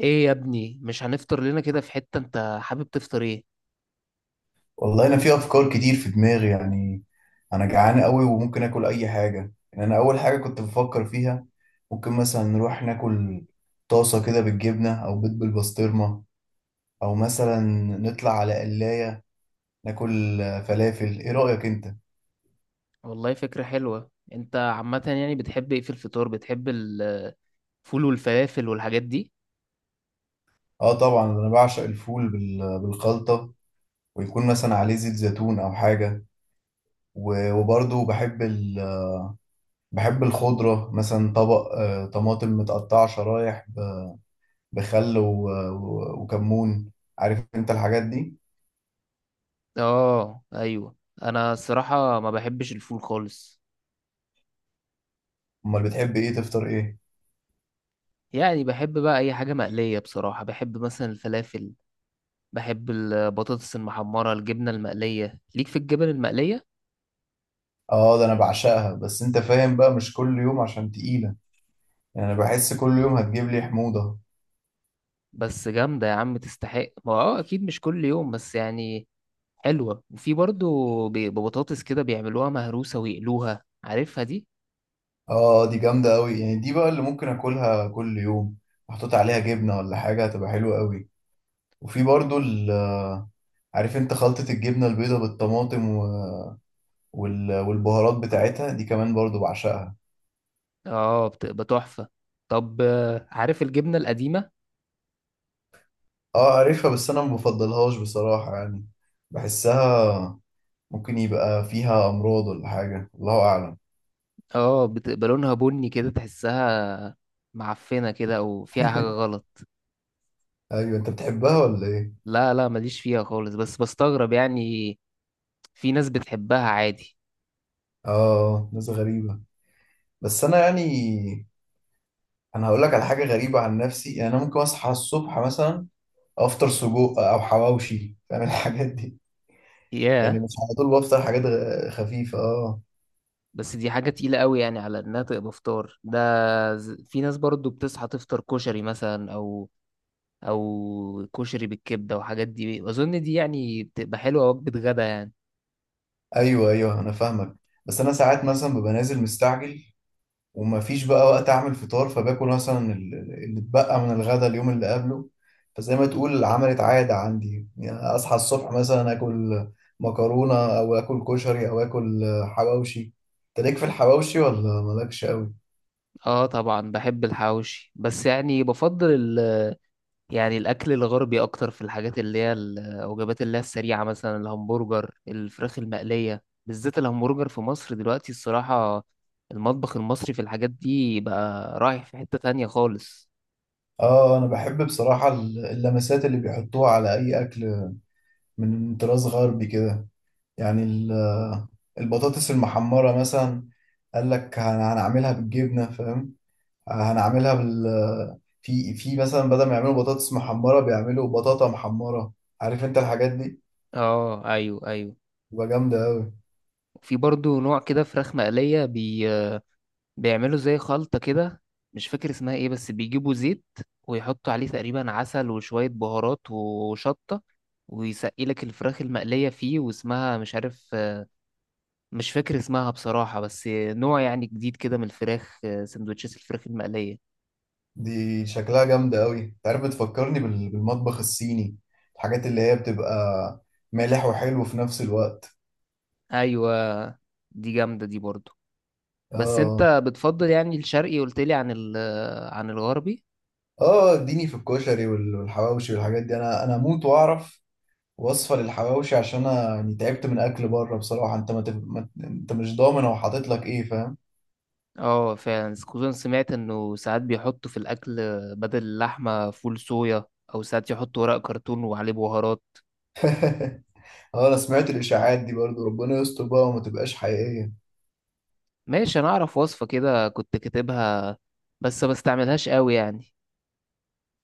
ايه يا ابني، مش هنفطر لنا كده في حتة؟ انت حابب تفطر ايه؟ والله انا في افكار كتير في دماغي يعني. انا جعان قوي وممكن اكل اي حاجه، يعني انا اول حاجه كنت بفكر فيها ممكن مثلا نروح ناكل طاسه كده بالجبنه او بيض بالبسطرمه، او مثلا نطلع على قلايه ناكل فلافل. ايه رايك انت؟ والله فكرة حلوة. انت عامة يعني بتحب ايه في الفطار؟ بتحب الفول والفلافل والحاجات دي؟ اه طبعا، انا بعشق الفول بالخلطه، ويكون مثلا عليه زيت زيتون او حاجه. وبرضه بحب بحب الخضره، مثلا طبق طماطم متقطعه شرايح، بخل وكمون، عارف انت الحاجات دي. اه، ايوه. انا الصراحة ما بحبش الفول خالص. امال بتحب ايه؟ تفطر ايه؟ يعني بحب بقى اي حاجة مقلية، بصراحة بحب مثلا الفلافل. بحب البطاطس المحمرة، الجبنة المقلية، ليك في الجبن المقلية. اه ده انا بعشقها، بس انت فاهم بقى مش كل يوم عشان تقيلة، يعني انا بحس كل يوم هتجيب لي حموضة. بس جامدة يا عم، تستحق. ما اكيد مش كل يوم، بس يعني حلوة. وفي برضو ببطاطس كده بيعملوها مهروسة ويقلوها، عارفها دي. اه دي جامدة قوي، يعني دي بقى اللي ممكن اكلها كل يوم، محطوط عليها جبنة ولا حاجة هتبقى حلوة قوي. وفي برضو عارف انت خلطة الجبنة البيضاء بالطماطم والبهارات بتاعتها دي كمان برضو بعشقها. اه، بتبقى تحفة. طب، عارف الجبنة القديمة؟ اه عارفها، بس انا ما بفضلهاش بصراحة يعني. بحسها ممكن يبقى فيها امراض ولا حاجه، الله اعلم. اه، بتبقى لونها بني كده، تحسها معفنة كده او فيها حاجة غلط. ايوه انت بتحبها ولا ايه؟ لا لا، ماليش فيها خالص، بس بستغرب يعني. في ناس بتحبها عادي. اه ناس غريبه. بس انا يعني انا هقول لك على حاجه غريبه عن نفسي. يعني انا ممكن اصحى الصبح مثلا افطر سجق او حواوشي، فاهم الحاجات دي. يعني ياه. مش على طول بفطر حاجات خفيفه. اه، بس دي حاجة تقيلة قوي يعني، على انها تبقى فطار ده. في ناس برضو بتصحى تفطر كشري مثلا، او كشري بالكبده وحاجات دي. اظن دي يعني بتبقى حلوه، وجبه غدا يعني. ايوه ايوه انا فاهمك. بس انا ساعات مثلا ببقى نازل مستعجل ومفيش بقى وقت اعمل فطار، فباكل مثلا اللي اتبقى من الغدا اليوم اللي قبله. فزي ما تقول عملت عادة عندي، يعني اصحى الصبح مثلا اكل مكرونة او اكل كشري او اكل حواوشي. انت ليك في الحواوشي ولا مالكش قوي؟ اه طبعا بحب الحواوشي، بس يعني بفضل ال يعني الاكل الغربي اكتر، في الحاجات اللي هي الوجبات اللي هي السريعه، مثلا الهمبرجر، الفراخ المقليه. بالذات الهمبرجر في مصر دلوقتي، الصراحه المطبخ المصري في الحاجات دي بقى رايح في حته تانية خالص. اه انا بحب بصراحة اللمسات اللي بيحطوها على اي اكل من طراز غربي كده. يعني البطاطس المحمرة مثلا، قال لك هنعملها بالجبنة، فاهم. هنعملها في مثلا، بدل ما يعملوا بطاطس محمرة بيعملوا بطاطا محمرة، عارف انت الحاجات دي. اه ايوه، ايوه. تبقى جامدة أوي. في برضو نوع كده فراخ مقليه بيعملوا زي خلطة كده. مش فاكر اسمها ايه، بس بيجيبوا زيت ويحطوا عليه تقريبا عسل وشوية بهارات وشطة، ويسقي لك الفراخ المقلية فيه، واسمها مش عارف. مش فاكر اسمها بصراحة، بس نوع يعني جديد كده من الفراخ، سندوتشات الفراخ المقلية. دي شكلها جامدة أوي. انت عارف بتفكرني بالمطبخ الصيني، الحاجات اللي هي بتبقى مالح وحلو في نفس الوقت. ايوه، دي جامدة دي برضو. بس اه انت بتفضل يعني الشرقي، قلت لي عن الغربي. اه، اديني في الكشري والحواوشي والحاجات دي. انا اموت واعرف وصفة للحواوشي، عشان انا يعني تعبت من اكل بره بصراحة. انت ما, تف... ما... انت مش ضامن هو حاطط لك ايه، فاهم. اه فعلا، خصوصا سمعت انه ساعات بيحطوا في الاكل بدل اللحمه فول صويا، او ساعات يحطوا ورق كرتون وعليه بهارات. اه انا سمعت الاشاعات دي برضو، ربنا يستر بقى وما تبقاش حقيقية. ماشي. انا اعرف وصفه كده كنت كاتبها، بس ما استعملهاش قوي يعني.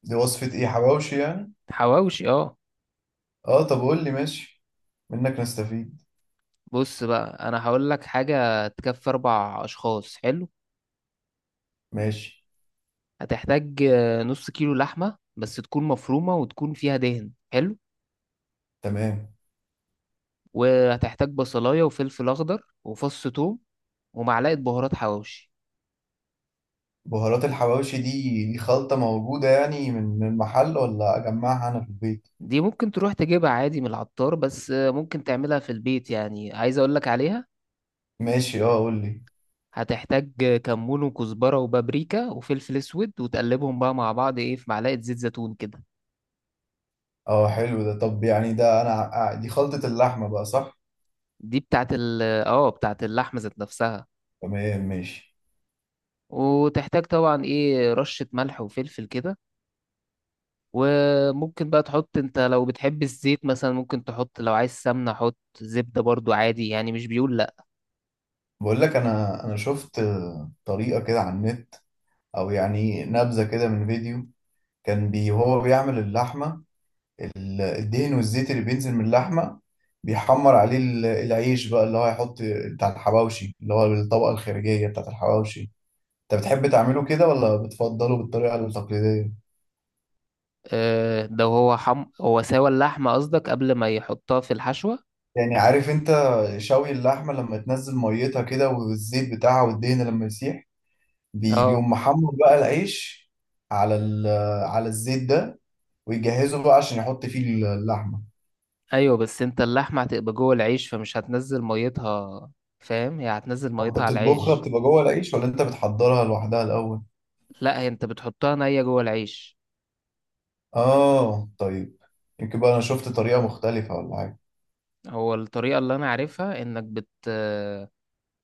دي وصفة ايه؟ حواوشي يعني؟ حواوشي، اه. اه طب قول لي، ماشي، منك نستفيد. بص بقى، انا هقول لك حاجه تكفي 4 اشخاص. حلو. ماشي. هتحتاج نص كيلو لحمه، بس تكون مفرومه وتكون فيها دهن. حلو. تمام. وهتحتاج بصلايه وفلفل اخضر وفص ثوم ومعلقه بهارات حواوشي. بهارات الحواوشي دي، خلطة موجودة يعني من المحل ولا اجمعها انا في البيت؟ دي ممكن تروح تجيبها عادي من العطار، بس ممكن تعملها في البيت يعني. عايز اقولك عليها. ماشي، اه قول لي. هتحتاج كمون وكزبرة وبابريكا وفلفل اسود، وتقلبهم بقى مع بعض، ايه، في معلقة زيت زيتون كده. اه حلو ده. طب يعني ده انا دي خلطة اللحمة بقى، صح؟ دي بتاعت ال اه بتاعت اللحمة ذات نفسها. تمام ماشي. وتحتاج طبعا ايه رشة ملح وفلفل كده. وممكن بقى تحط انت لو بتحب الزيت مثلا، ممكن تحط. لو عايز سمنة حط زبدة برضو عادي يعني، مش بيقول لا. بقول لك انا شفت طريقة كده على النت، او يعني نبذة كده من فيديو. كان هو بيعمل اللحمة، الدهن والزيت اللي بينزل من اللحمة بيحمر عليه العيش بقى، اللي هو هيحط بتاع الحواوشي، اللي هو الطبقة الخارجية بتاعت الحواوشي. انت بتحب تعمله كده ولا بتفضله بالطريقة التقليدية؟ ده هو هو سوى اللحمة قصدك قبل ما يحطها في الحشوة؟ يعني عارف انت، شوي اللحمة لما تنزل ميتها كده والزيت بتاعها والدهن لما يسيح، اه بيقوم محمر بقى العيش على على الزيت ده، ويجهزه بقى عشان يحط فيه اللحمة. ايوه. بس انت اللحمه هتبقى جوه العيش فمش هتنزل ميتها، فاهم. هي هتنزل هو انت ميتها على بتطبخها العيش. بتبقى جوه العيش، ولا انت بتحضرها لوحدها الأول؟ لا، هي انت بتحطها نيه جوه العيش. اه طيب. يمكن بقى انا شفت طريقة مختلفة ولا حاجة. هو الطريقه اللي انا عارفها انك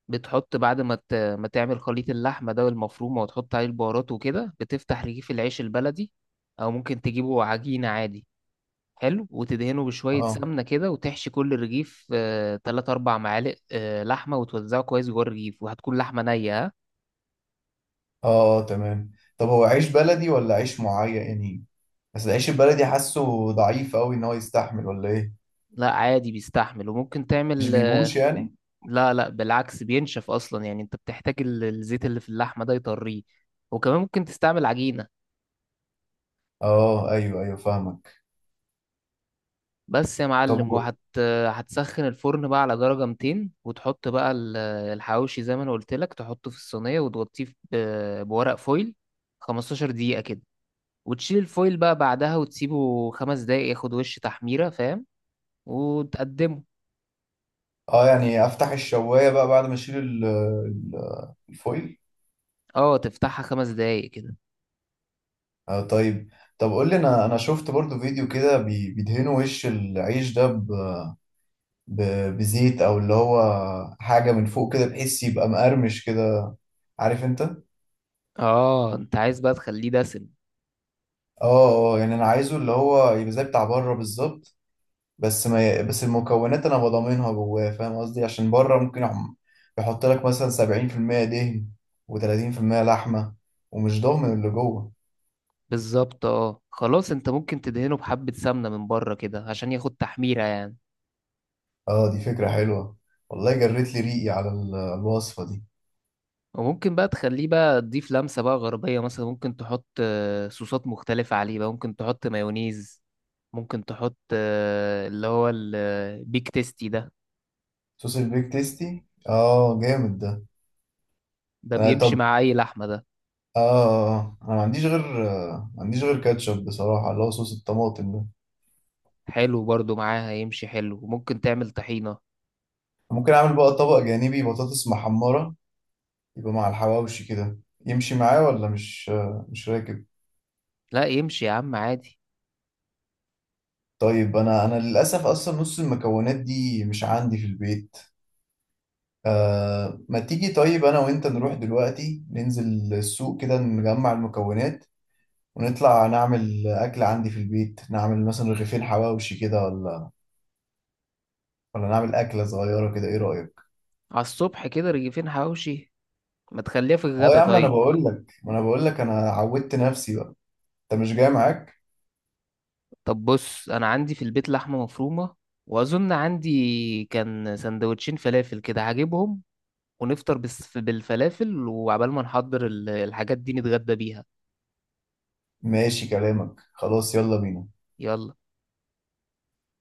بتحط بعد ما ما تعمل خليط اللحمه ده والمفرومه، وتحط عليه البهارات وكده، بتفتح رغيف العيش البلدي او ممكن تجيبه عجينه عادي. حلو. وتدهنه بشويه اه سمنه كده، وتحشي كل رغيف تلات اربع معالق لحمه، وتوزعه كويس جوه الرغيف. وهتكون لحمه نيه، ها؟ اه تمام. طب هو عيش بلدي ولا عيش معين يعني؟ بس العيش البلدي حاسه ضعيف قوي، ان هو يستحمل ولا ايه؟ لا عادي بيستحمل، وممكن مش تعمل. بيبوش يعني. لا لا، بالعكس بينشف اصلا. يعني انت بتحتاج الزيت اللي في اللحمه ده يطريه. وكمان ممكن تستعمل عجينه. اه ايوه ايوه فاهمك. بس يا طب معلم. هتسخن الفرن بقى على درجه 200، وتحط بقى الحواوشي زي ما انا قلت لك، تحطه في الصينيه وتغطيه بورق فويل 15 دقيقه كده. وتشيل الفويل بقى بعدها وتسيبه 5 دقايق ياخد وش تحميره، فاهم. وتقدمه. اه يعني افتح الشواية بقى بعد ما اشيل الفويل. اه، تفتحها 5 دقايق كده. اه طيب. طب قول لي، انا شفت برضو فيديو كده بيدهنوا وش العيش ده بزيت، او اللي هو حاجة من فوق كده بحيث يبقى مقرمش كده، عارف انت. اه، انت عايز بقى تخليه دسم. اه اه، يعني انا عايزه اللي هو يبقى زي بتاع بره بالظبط، بس ما ي... بس المكونات انا بضمنها جواه، فاهم قصدي، عشان بره ممكن يحط لك مثلا 70% دهن و30% لحمه، ومش ضامن اللي جوه. بالظبط. اه خلاص، انت ممكن تدهنه بحبة سمنة من بره كده عشان ياخد تحميرة يعني. اه دي فكره حلوه، والله جريت لي ريقي على الوصفه دي. وممكن بقى تخليه، بقى تضيف لمسة بقى غربية، مثلا ممكن تحط صوصات مختلفة عليه بقى. ممكن تحط مايونيز، ممكن تحط اللي هو البيك تيستي ده. صوص البيك تيستي، اه جامد ده. ده انا بيمشي طب، مع أي لحمة ده. اه انا ما عنديش غير كاتشب بصراحه، اللي هو صوص الطماطم ده. حلو برضو معاها، يمشي حلو. وممكن تعمل طحينة. ممكن اعمل بقى طبق جانبي بطاطس محمره يبقى مع الحواوشي كده. يمشي معاه ولا مش راكب؟ لا يمشي يا عم عادي. طيب انا للاسف اصلا نص المكونات دي مش عندي في البيت. آه، ما تيجي طيب انا وانت نروح دلوقتي، ننزل السوق كده نجمع المكونات ونطلع نعمل اكل عندي في البيت. نعمل مثلا رغيفين حواوشي كده، ولا نعمل اكله صغيره كده، ايه رايك؟ على الصبح كده رغيفين حواوشي؟ ما تخليها في اه الغدا يا عم انا طيب. بقول لك، ما انا بقول لك انا عودت نفسي بقى. انت مش جاي معاك؟ طب بص، انا عندي في البيت لحمه مفرومه، واظن عندي كان سندوتشين فلافل كده، هجيبهم. ونفطر بس بالفلافل، وعبال ما نحضر الحاجات دي نتغدى بيها. ماشي كلامك، خلاص يلا بينا. يلا.